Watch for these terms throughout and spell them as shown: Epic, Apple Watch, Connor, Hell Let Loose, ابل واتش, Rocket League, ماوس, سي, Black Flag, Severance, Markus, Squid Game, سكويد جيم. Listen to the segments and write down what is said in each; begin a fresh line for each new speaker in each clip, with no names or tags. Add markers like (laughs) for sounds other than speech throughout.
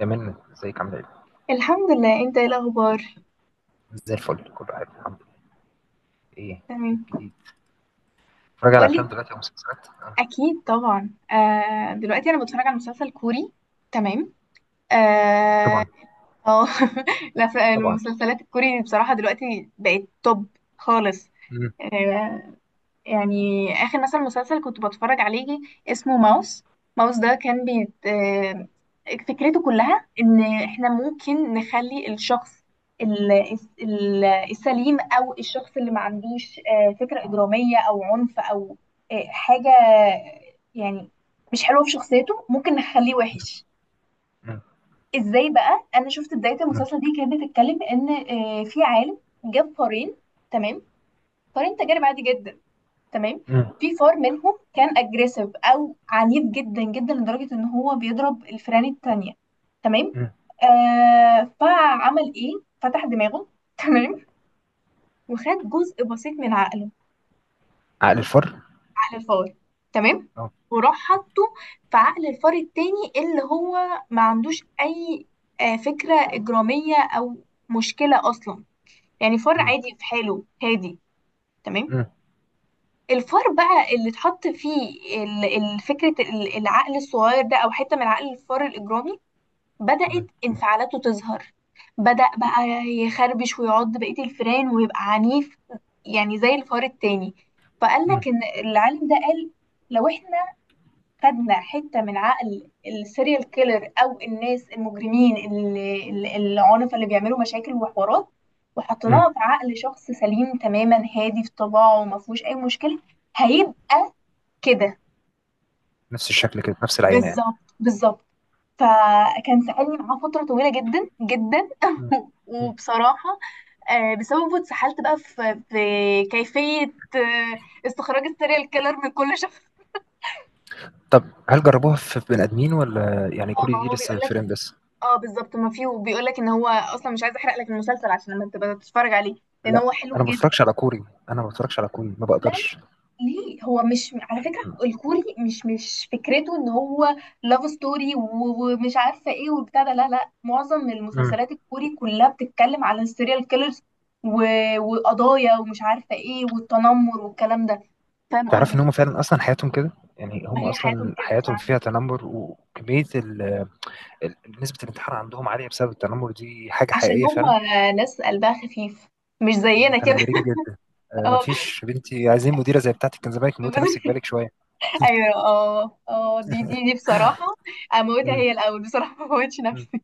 يا من ازيك عامل ايه؟
الحمد لله. انت ايه الاخبار؟
زي الفل كله عارف الحمد لله. ايه. ايه
تمام.
الجديد؟ اتفرج على
قولي.
افلام دلوقتي او مسلسلات؟ آه.
اكيد طبعا، دلوقتي انا بتفرج على مسلسل كوري. تمام. اه.
طبعا.
آه. (laughs) لا،
طبعا.
المسلسلات الكوري بصراحة دلوقتي بقت توب خالص.
مم.
آه، يعني آخر مثلا مسلسل كنت بتفرج عليه اسمه ماوس. ماوس ده كان بيت، فكرته كلها إن إحنا ممكن نخلي الشخص ال- السليم أو الشخص اللي ما عندوش فكرة إجرامية أو عنف أو حاجة يعني مش حلوة في شخصيته ممكن نخليه وحش.
مم.
إزاي بقى أنا شفت بداية
مم.
المسلسل دي كانت بتتكلم إن في عالم جاب فارين. تمام. فارين تجارب عادي جدا. تمام.
مم.
في فار منهم كان اجريسيف او عنيف جدا جدا لدرجه ان هو بيضرب الفئران التانية. تمام.
مم.
فعمل ايه؟ فتح دماغه. تمام. وخد جزء بسيط من عقله.
عقل الفر؟
عقل الفار. تمام.
اه.
وراح حطه في عقل الفار التاني اللي هو ما عندوش اي فكره اجراميه او مشكله اصلا، يعني فار
مم.
عادي في حاله هادي. تمام.
مم.
الفار بقى اللي اتحط فيه ال- فكرة العقل الصغير ده أو حتة من عقل الفار الإجرامي بدأت
مم.
انفعالاته تظهر. بدأ بقى يخربش ويعض بقية الفئران ويبقى عنيف، يعني زي الفار التاني. فقال
مم.
لك إن العالم ده قال لو احنا خدنا حتة من عقل السيريال كيلر او الناس المجرمين العنف اللي بيعملوا مشاكل وحوارات
مم.
وحطيناها في عقل شخص سليم تماما هادي في طباعه وما فيهوش اي مشكلة، هيبقى كده.
نفس الشكل كده، نفس العينة يعني.
بالظبط بالظبط. فكان سألني معاه فترة طويلة جدا جدا
مم.
(laughs)
مم.
وبصراحة بسببه اتسحلت بقى في كيفية آه، استخراج السيريال كيلر من كل شخص.
طب هل جربوها في بني ادمين ولا يعني
اه،
كوري
ما
دي
هو بيقول
لسه
لك.
فيلم بس؟
اه، بالظبط، ما فيه، وبيقول لك ان هو اصلا مش عايز احرق لك المسلسل عشان لما تبقى تتفرج عليه، لان
لا.
هو حلو
انا ما
جدا.
بتفرجش على كوري انا ما بتفرجش على كوري ما
لا، لا.
بقدرش.
ليه؟ هو مش على
مم.
فكره، الكوري مش فكرته ان هو لاف ستوري ومش عارفه ايه وبتاع ده. لا، لا، معظم
مم.
المسلسلات الكوري كلها بتتكلم على السيريال كيلرز و... وقضايا ومش عارفه ايه والتنمر والكلام ده. فاهم
تعرف ان هم
قصدي؟
فعلا اصلا حياتهم كده؟ يعني
ما
هم
هي حياتهم
اصلا
كده
حياتهم
فعلا.
فيها تنمر وكمية ال- نسبة الانتحار عندهم عالية بسبب التنمر، دي حاجة
عشان
حقيقية فعلا.
هم ناس قلبها خفيف، مش زينا كده.
متنمرين جدا.
(laughs)
مفيش بنتي، عايزين مديرة زي بتاعتك. كان زمانك
اه،
موتي نفسك. بالك شوية.
ايوه، اه، اه، دي بصراحه، اموتها
مم.
هي الاول بصراحه، ما اموتش
مم.
نفسي.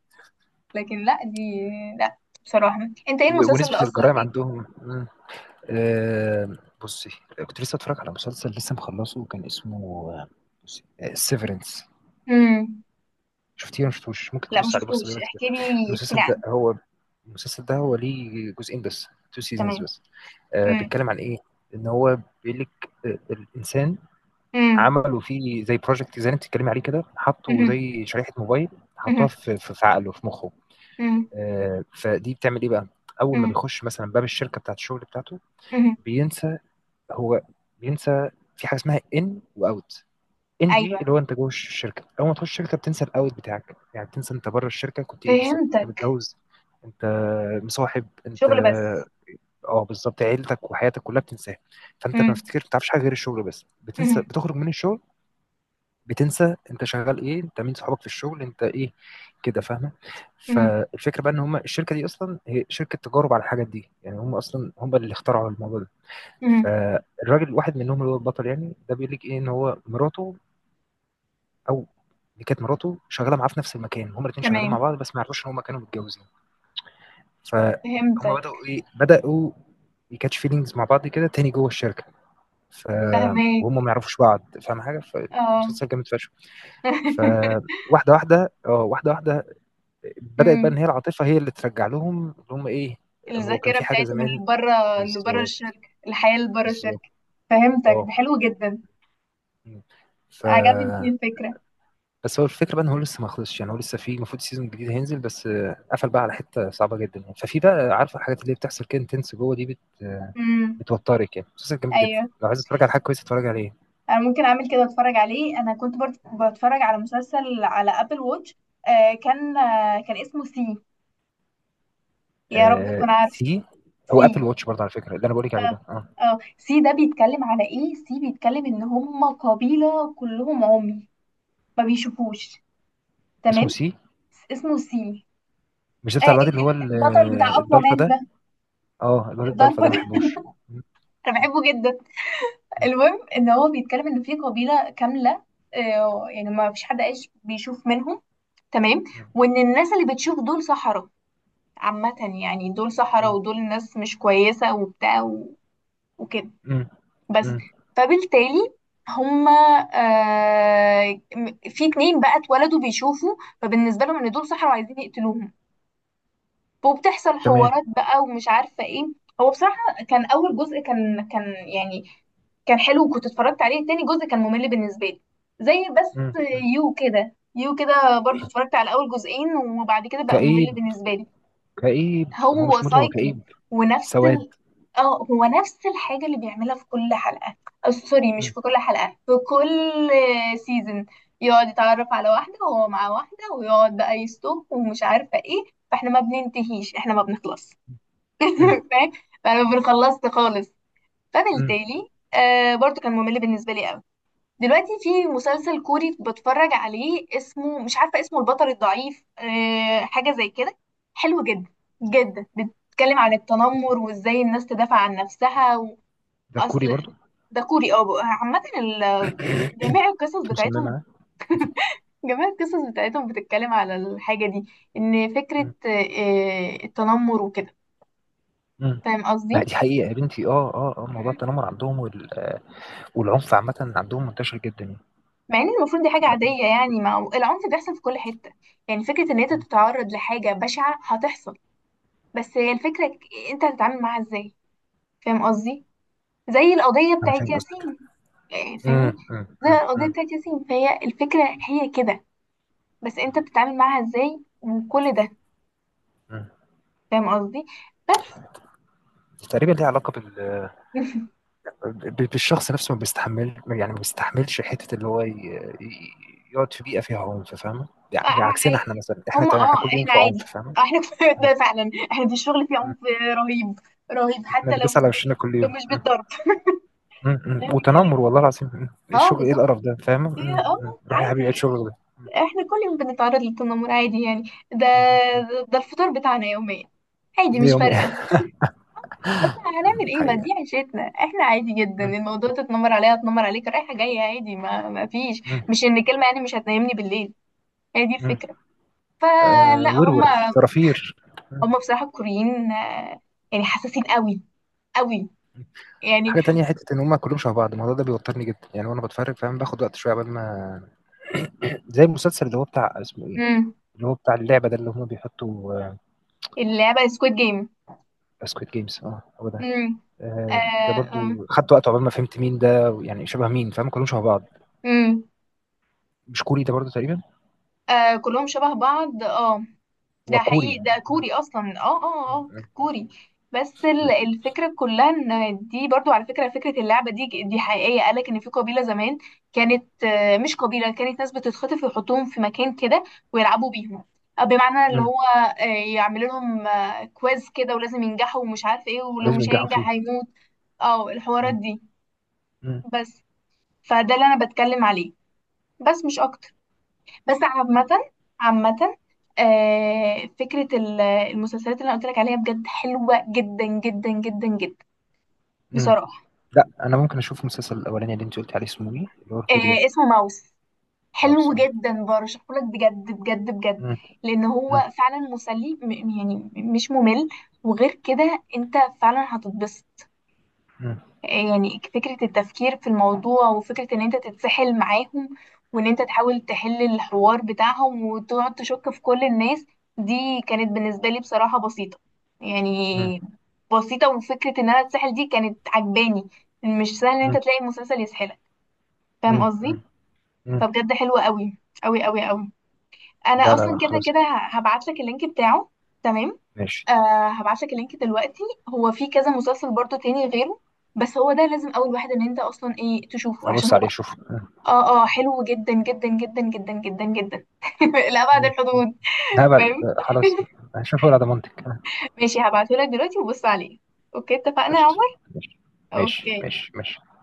لكن لا، دي لا، بصراحه. انت ايه المسلسل اللي
ونسبة
اثر
الجرائم
فيك؟
عندهم. مم. آه، بصي، كنت لسه اتفرج على مسلسل لسه مخلصه، كان اسمه آه، بصي سيفرنس.
امم.
شفتيه ولا مشفتوش؟ ممكن
لا، ما
تبص عليه، بص
شفتوش،
دلوقتي كده.
احكي لي احكي لي
المسلسل ده
عنه.
هو المسلسل ده هو ليه جزئين بس، تو سيزونز
تمام.
بس. آه،
امم.
بيتكلم عن ايه؟ ان هو بيقول لك الانسان
امم.
عملوا فيه زي بروجكت، زي اللي انت بتتكلمي عليه كده، حطوا
أمم.
زي شريحه موبايل،
أمم.
حطوها في عقله، في مخه.
أمم.
فدي بتعمل ايه بقى؟ اول ما
أمم.
بيخش مثلا باب الشركه بتاعت الشغل بتاعته
أمم.
بينسى. هو بينسى في حاجه اسمها ان واوت. ان دي
ايوه،
اللي هو انت جوه الشركه، اول ما تخش الشركه بتنسى الاوت بتاعك، يعني بتنسى انت بره الشركه كنت ايه بالظبط. انت
فهمتك.
متجوز، انت مصاحب، انت
شغل بس.
اه بالظبط عيلتك وحياتك كلها بتنساها. فانت ما
امم.
بتفتكر، ما بتعرفش حاجه غير الشغل بس، بتنسى.
أمم.
بتخرج من الشغل بتنسى انت شغال ايه، انت مين صحابك في الشغل، انت ايه، كده فاهمه؟
أمم.
فالفكره بقى ان هم الشركه دي اصلا هي شركه تجارب على الحاجات دي، يعني هم اصلا هم اللي اخترعوا الموضوع ده.
أمم.
فالراجل واحد منهم اللي هو البطل يعني، ده بيقول لك ايه، ان هو مراته او اللي كانت مراته شغاله معاه في نفس المكان، هم الاثنين شغالين مع
تمام.
بعض بس ما يعرفوش ان هم كانوا متجوزين. فهم
فهمتك.
بداوا ايه بداوا يكاتش فيلينجز مع بعض كده تاني جوه الشركه. ف وهم
فهمك.
ما يعرفوش بعض، فاهم حاجه؟
اه.
فالمسلسل جامد فشخ.
(laughs)
فواحده واحده اه واحده واحده بدات بقى ان
أمم.
هي العاطفه هي اللي ترجع لهم اللي هم ايه. هو كان
الذاكرة
في حاجه
بتاعتهم
زمان.
اللي بره، اللي بره
بالظبط،
الشركة، الحياة اللي بره
بالظبط.
الشركة. فهمتك، ده
اه.
حلو جدا.
مم. ف
عجبتني الفكرة.
بس هو الفكره بقى ان هو لسه ما خلصش، يعني هو لسه، في المفروض سيزون جديد هينزل، بس قفل بقى على حته صعبه جدا. يعني ففي بقى عارفه الحاجات اللي هي بتحصل كده، انتنس جوه دي بت آه،
امم.
بتوترك، يعني مسلسل جامد جدا.
ايوه،
لو عايز تتفرج على حاجه كويسه اتفرج عليه.
انا ممكن اعمل كده، اتفرج عليه. انا كنت برضه بتفرج على مسلسل على ابل واتش. كان اسمه سي. يا رب
آه،
تكون عارف.
سي. هو ابل
سي.
واتش برضه على فكره اللي انا بقول لك عليه
اه.
ده، اه.
اه، سي ده بيتكلم على ايه؟ سي بيتكلم ان هم قبيلة كلهم عمي، ما بيشوفوش.
اسمه
تمام.
سي؟
اسمه سي.
مش ده بتاع الواد اللي هو
البطل بتاع اقوى
الضلفه
مان
ده؟
ده.
اه، الواد الضلفه
الضربة
ده ما
ده.
بحبوش. م-
(laughs) انا بحبه جدا.
م-
المهم ان هو بيتكلم ان في قبيله كامله، يعني ما فيش حد عايش بيشوف منهم. تمام.
م-
وان الناس اللي بتشوف دول سحرة عامه، يعني دول سحرة
م-
ودول ناس مش كويسه وبتاع وكده
م-
بس.
م-
فبالتالي هما في اتنين بقى اتولدوا بيشوفوا. فبالنسبه لهم ان دول سحرة وعايزين يقتلوهم، وبتحصل
تمام.
حوارات بقى ومش عارفة ايه. هو بصراحة كان أول جزء، كان يعني، كان حلو وكنت اتفرجت عليه. تاني جزء كان ممل بالنسبة لي، زي، بس
م.
يو كده يو كده برضو اتفرجت على أول جزئين وبعد كده بقى ممل
كئيب.
بالنسبة لي.
كئيب، هو
هو
مش مولي، هو
سايكو
كئيب.
ونفس
سواد.
ال... اه هو نفس الحاجة اللي بيعملها في كل حلقة، سوري، مش
م-
في كل حلقة، في كل سيزون يقعد يتعرف على واحدة وهو مع واحدة ويقعد بقى يستوك ومش عارفة ايه. فاحنا ما بننتهيش، احنا ما بنخلص.
م-
(laughs) فاهم؟ فانا ما بنخلصش خالص.
م.
فبالتالي برضو كان ممل بالنسبة لي قوي. دلوقتي في مسلسل كوري بتفرج عليه، اسمه مش عارفة اسمه، البطل الضعيف، حاجة زي كده. حلو جدا جدا، بيتكلم عن التنمر وازاي الناس تدافع عن نفسها.
ده كوري
واصل.
برضو؟
ده كوري، اه، عامة، جميع القصص
انت مصممه
بتاعتهم
على.
جميع القصص بتاعتهم بتتكلم على الحاجة دي، ان فكرة التنمر وكده. فاهم
ما
قصدي؟
دي حقيقة يا بنتي. اه، اه، اه، موضوع التنمر عندهم وال... آه، والعنف عامة عندهم منتشر جدا يعني.
مع ان المفروض دي حاجة عادية يعني، ما العنف بيحصل في كل حتة. يعني فكرة ان انت
م.
تتعرض لحاجة بشعة هتحصل، بس هي الفكرة انت هتتعامل معاها ازاي. فاهم قصدي؟ زي القضية
انا
بتاعت
فاهم قصدك.
ياسين. يعني فاهمني؟
م- م-
زي
م-
القضية
م-
بتاعت ياسين، فهي الفكرة هي كده، بس انت بتتعامل معاها ازاي، وكل ده.
م.
فاهم قصدي؟ بس.
تقريبا ليه علاقة
(laughs)
بالشخص نفسه، ما بيستحمل، يعني ما بيستحملش حته، اللي هو ي- يقعد في بيئه فيها عنف، فاهمه؟ يعني
آه،
مش عكسنا احنا،
آه،
مثلا احنا
هم،
تمام، احنا كل يوم
احنا
في
عادي.
عنف، فاهمه؟
احنا (laughs) كفاية
م-
ده فعلا، احنا في الشغل فيه
م-
عنف رهيب رهيب،
احنا
حتى لو
بندوس على وشنا كل يوم.
مش بالضرب.
م-
(laughs)
م.
فاهم الكلام.
وتنمر، والله العظيم. م.
اه،
الشغل ايه
بالظبط.
القرف ده، فاهمه؟
هي
م. روح يا حبيبي عيد
عادي.
شغلك ده.
احنا كل يوم بنتعرض للتنمر عادي يعني. ده
م.
ده الفطار بتاعنا يوميا. عادي،
ده
مش
يومي.
فارقة.
(laughs)
اصلا هنعمل ايه، ما دي
حقيقه.
عيشتنا، احنا عادي جدا
م-
الموضوع. تتنمر عليا، اتنمر عليك، رايحة جاية عادي. ما فيش،
م-
مش ان كلمة يعني مش هتنامني بالليل، هي دي
م.
الفكرة.
آه،
فلا
ورور،
هما
فرافير.
هما بصراحة الكوريين، يعني حساسين قوي قوي، يعني.
حاجه تانية، حته ان هم كلهم شبه بعض، الموضوع ده بيوترني جدا يعني، وانا بتفرج فاهم، باخد وقت شويه قبل ما. زي المسلسل اللي هو بتاع اسمه ايه،
امم.
اللي هو بتاع اللعبة ده اللي هم بيحطوا.
اللعبة سكويد جيم.
سكويد جيمز، اه هو ده.
امم. آه.
ده
آه.
برضو خدت وقت عقبال ما فهمت مين ده، يعني شبه مين، فاهم؟ كلهم شبه بعض.
امم.
مش كوري ده برضو؟ تقريبا.
آه. كلهم شبه بعض، اه، ده
وكوري.
حقيقي، ده كوري اصلا، اه، اه، اه، كوري. بس الفكره كلها ان دي برضو على فكره اللعبه دي حقيقيه. قالك ان في قبيله زمان كانت، مش قبيله، كانت ناس بتتخطف ويحطوهم في مكان كده ويلعبوا بيهم، بمعنى اللي هو آه، يعملوا لهم كويز كده ولازم ينجحوا ومش عارف ايه، ولو
ولازم
مش
ينجحوا
هينجح
فيه.
هيموت. اه، الحوارات
م-
دي،
م-
بس. فده اللي انا بتكلم عليه، بس مش اكتر. بس عامة، فكرة المسلسلات اللي أنا قلت لك عليها بجد حلوة جدا جدا جدا جدا،
م.
بصراحة.
لا، انا ممكن اشوف المسلسل الاولاني اللي انت قلت عليه، اسمه ايه اللي هو الكوري ده؟
اسمه ماوس.
مع
حلو
بصراحة.
جدا، برشحه لك بجد بجد بجد،
م-
لأن هو
م-
فعلا مسلي، يعني مش ممل، وغير كده أنت فعلا هتتبسط.
م-
يعني فكرة التفكير في الموضوع، وفكرة ان انت تتسحل معاهم، وان انت تحاول تحل الحوار بتاعهم وتقعد تشك في كل الناس، دي كانت بالنسبة لي بصراحة بسيطة، يعني
م-
بسيطة. وفكرة ان انا اتسحل دي كانت عجباني. مش سهل ان انت
م-
تلاقي المسلسل يسحلك،
م-
فاهم قصدي؟
م- م.
فبجد حلوة قوي قوي قوي قوي. انا
لا، لا،
اصلا
لا،
كده
خلاص.
كده هبعت لك اللينك بتاعه. تمام.
ماشي،
هبعتلك اللينك دلوقتي. هو في كذا مسلسل برضو تاني غيره، بس هو ده لازم اول واحد ان انت اصلا ايه تشوفه، عشان
ابص
هو،
عليه اشوف.
اه، اه، حلو جدا جدا جدا جدا جدا جدا (laughs) لأبعد
م.
الحدود.
هبل.
فاهم؟
خلاص، هشوفه على ضمانتك.
ماشي، هبعتهولك دلوقتي وبص عليه. اوكي، اتفقنا يا
قشطة.
عمر.
ماشي. ماشي.
اوكي.
ماشي. ماشي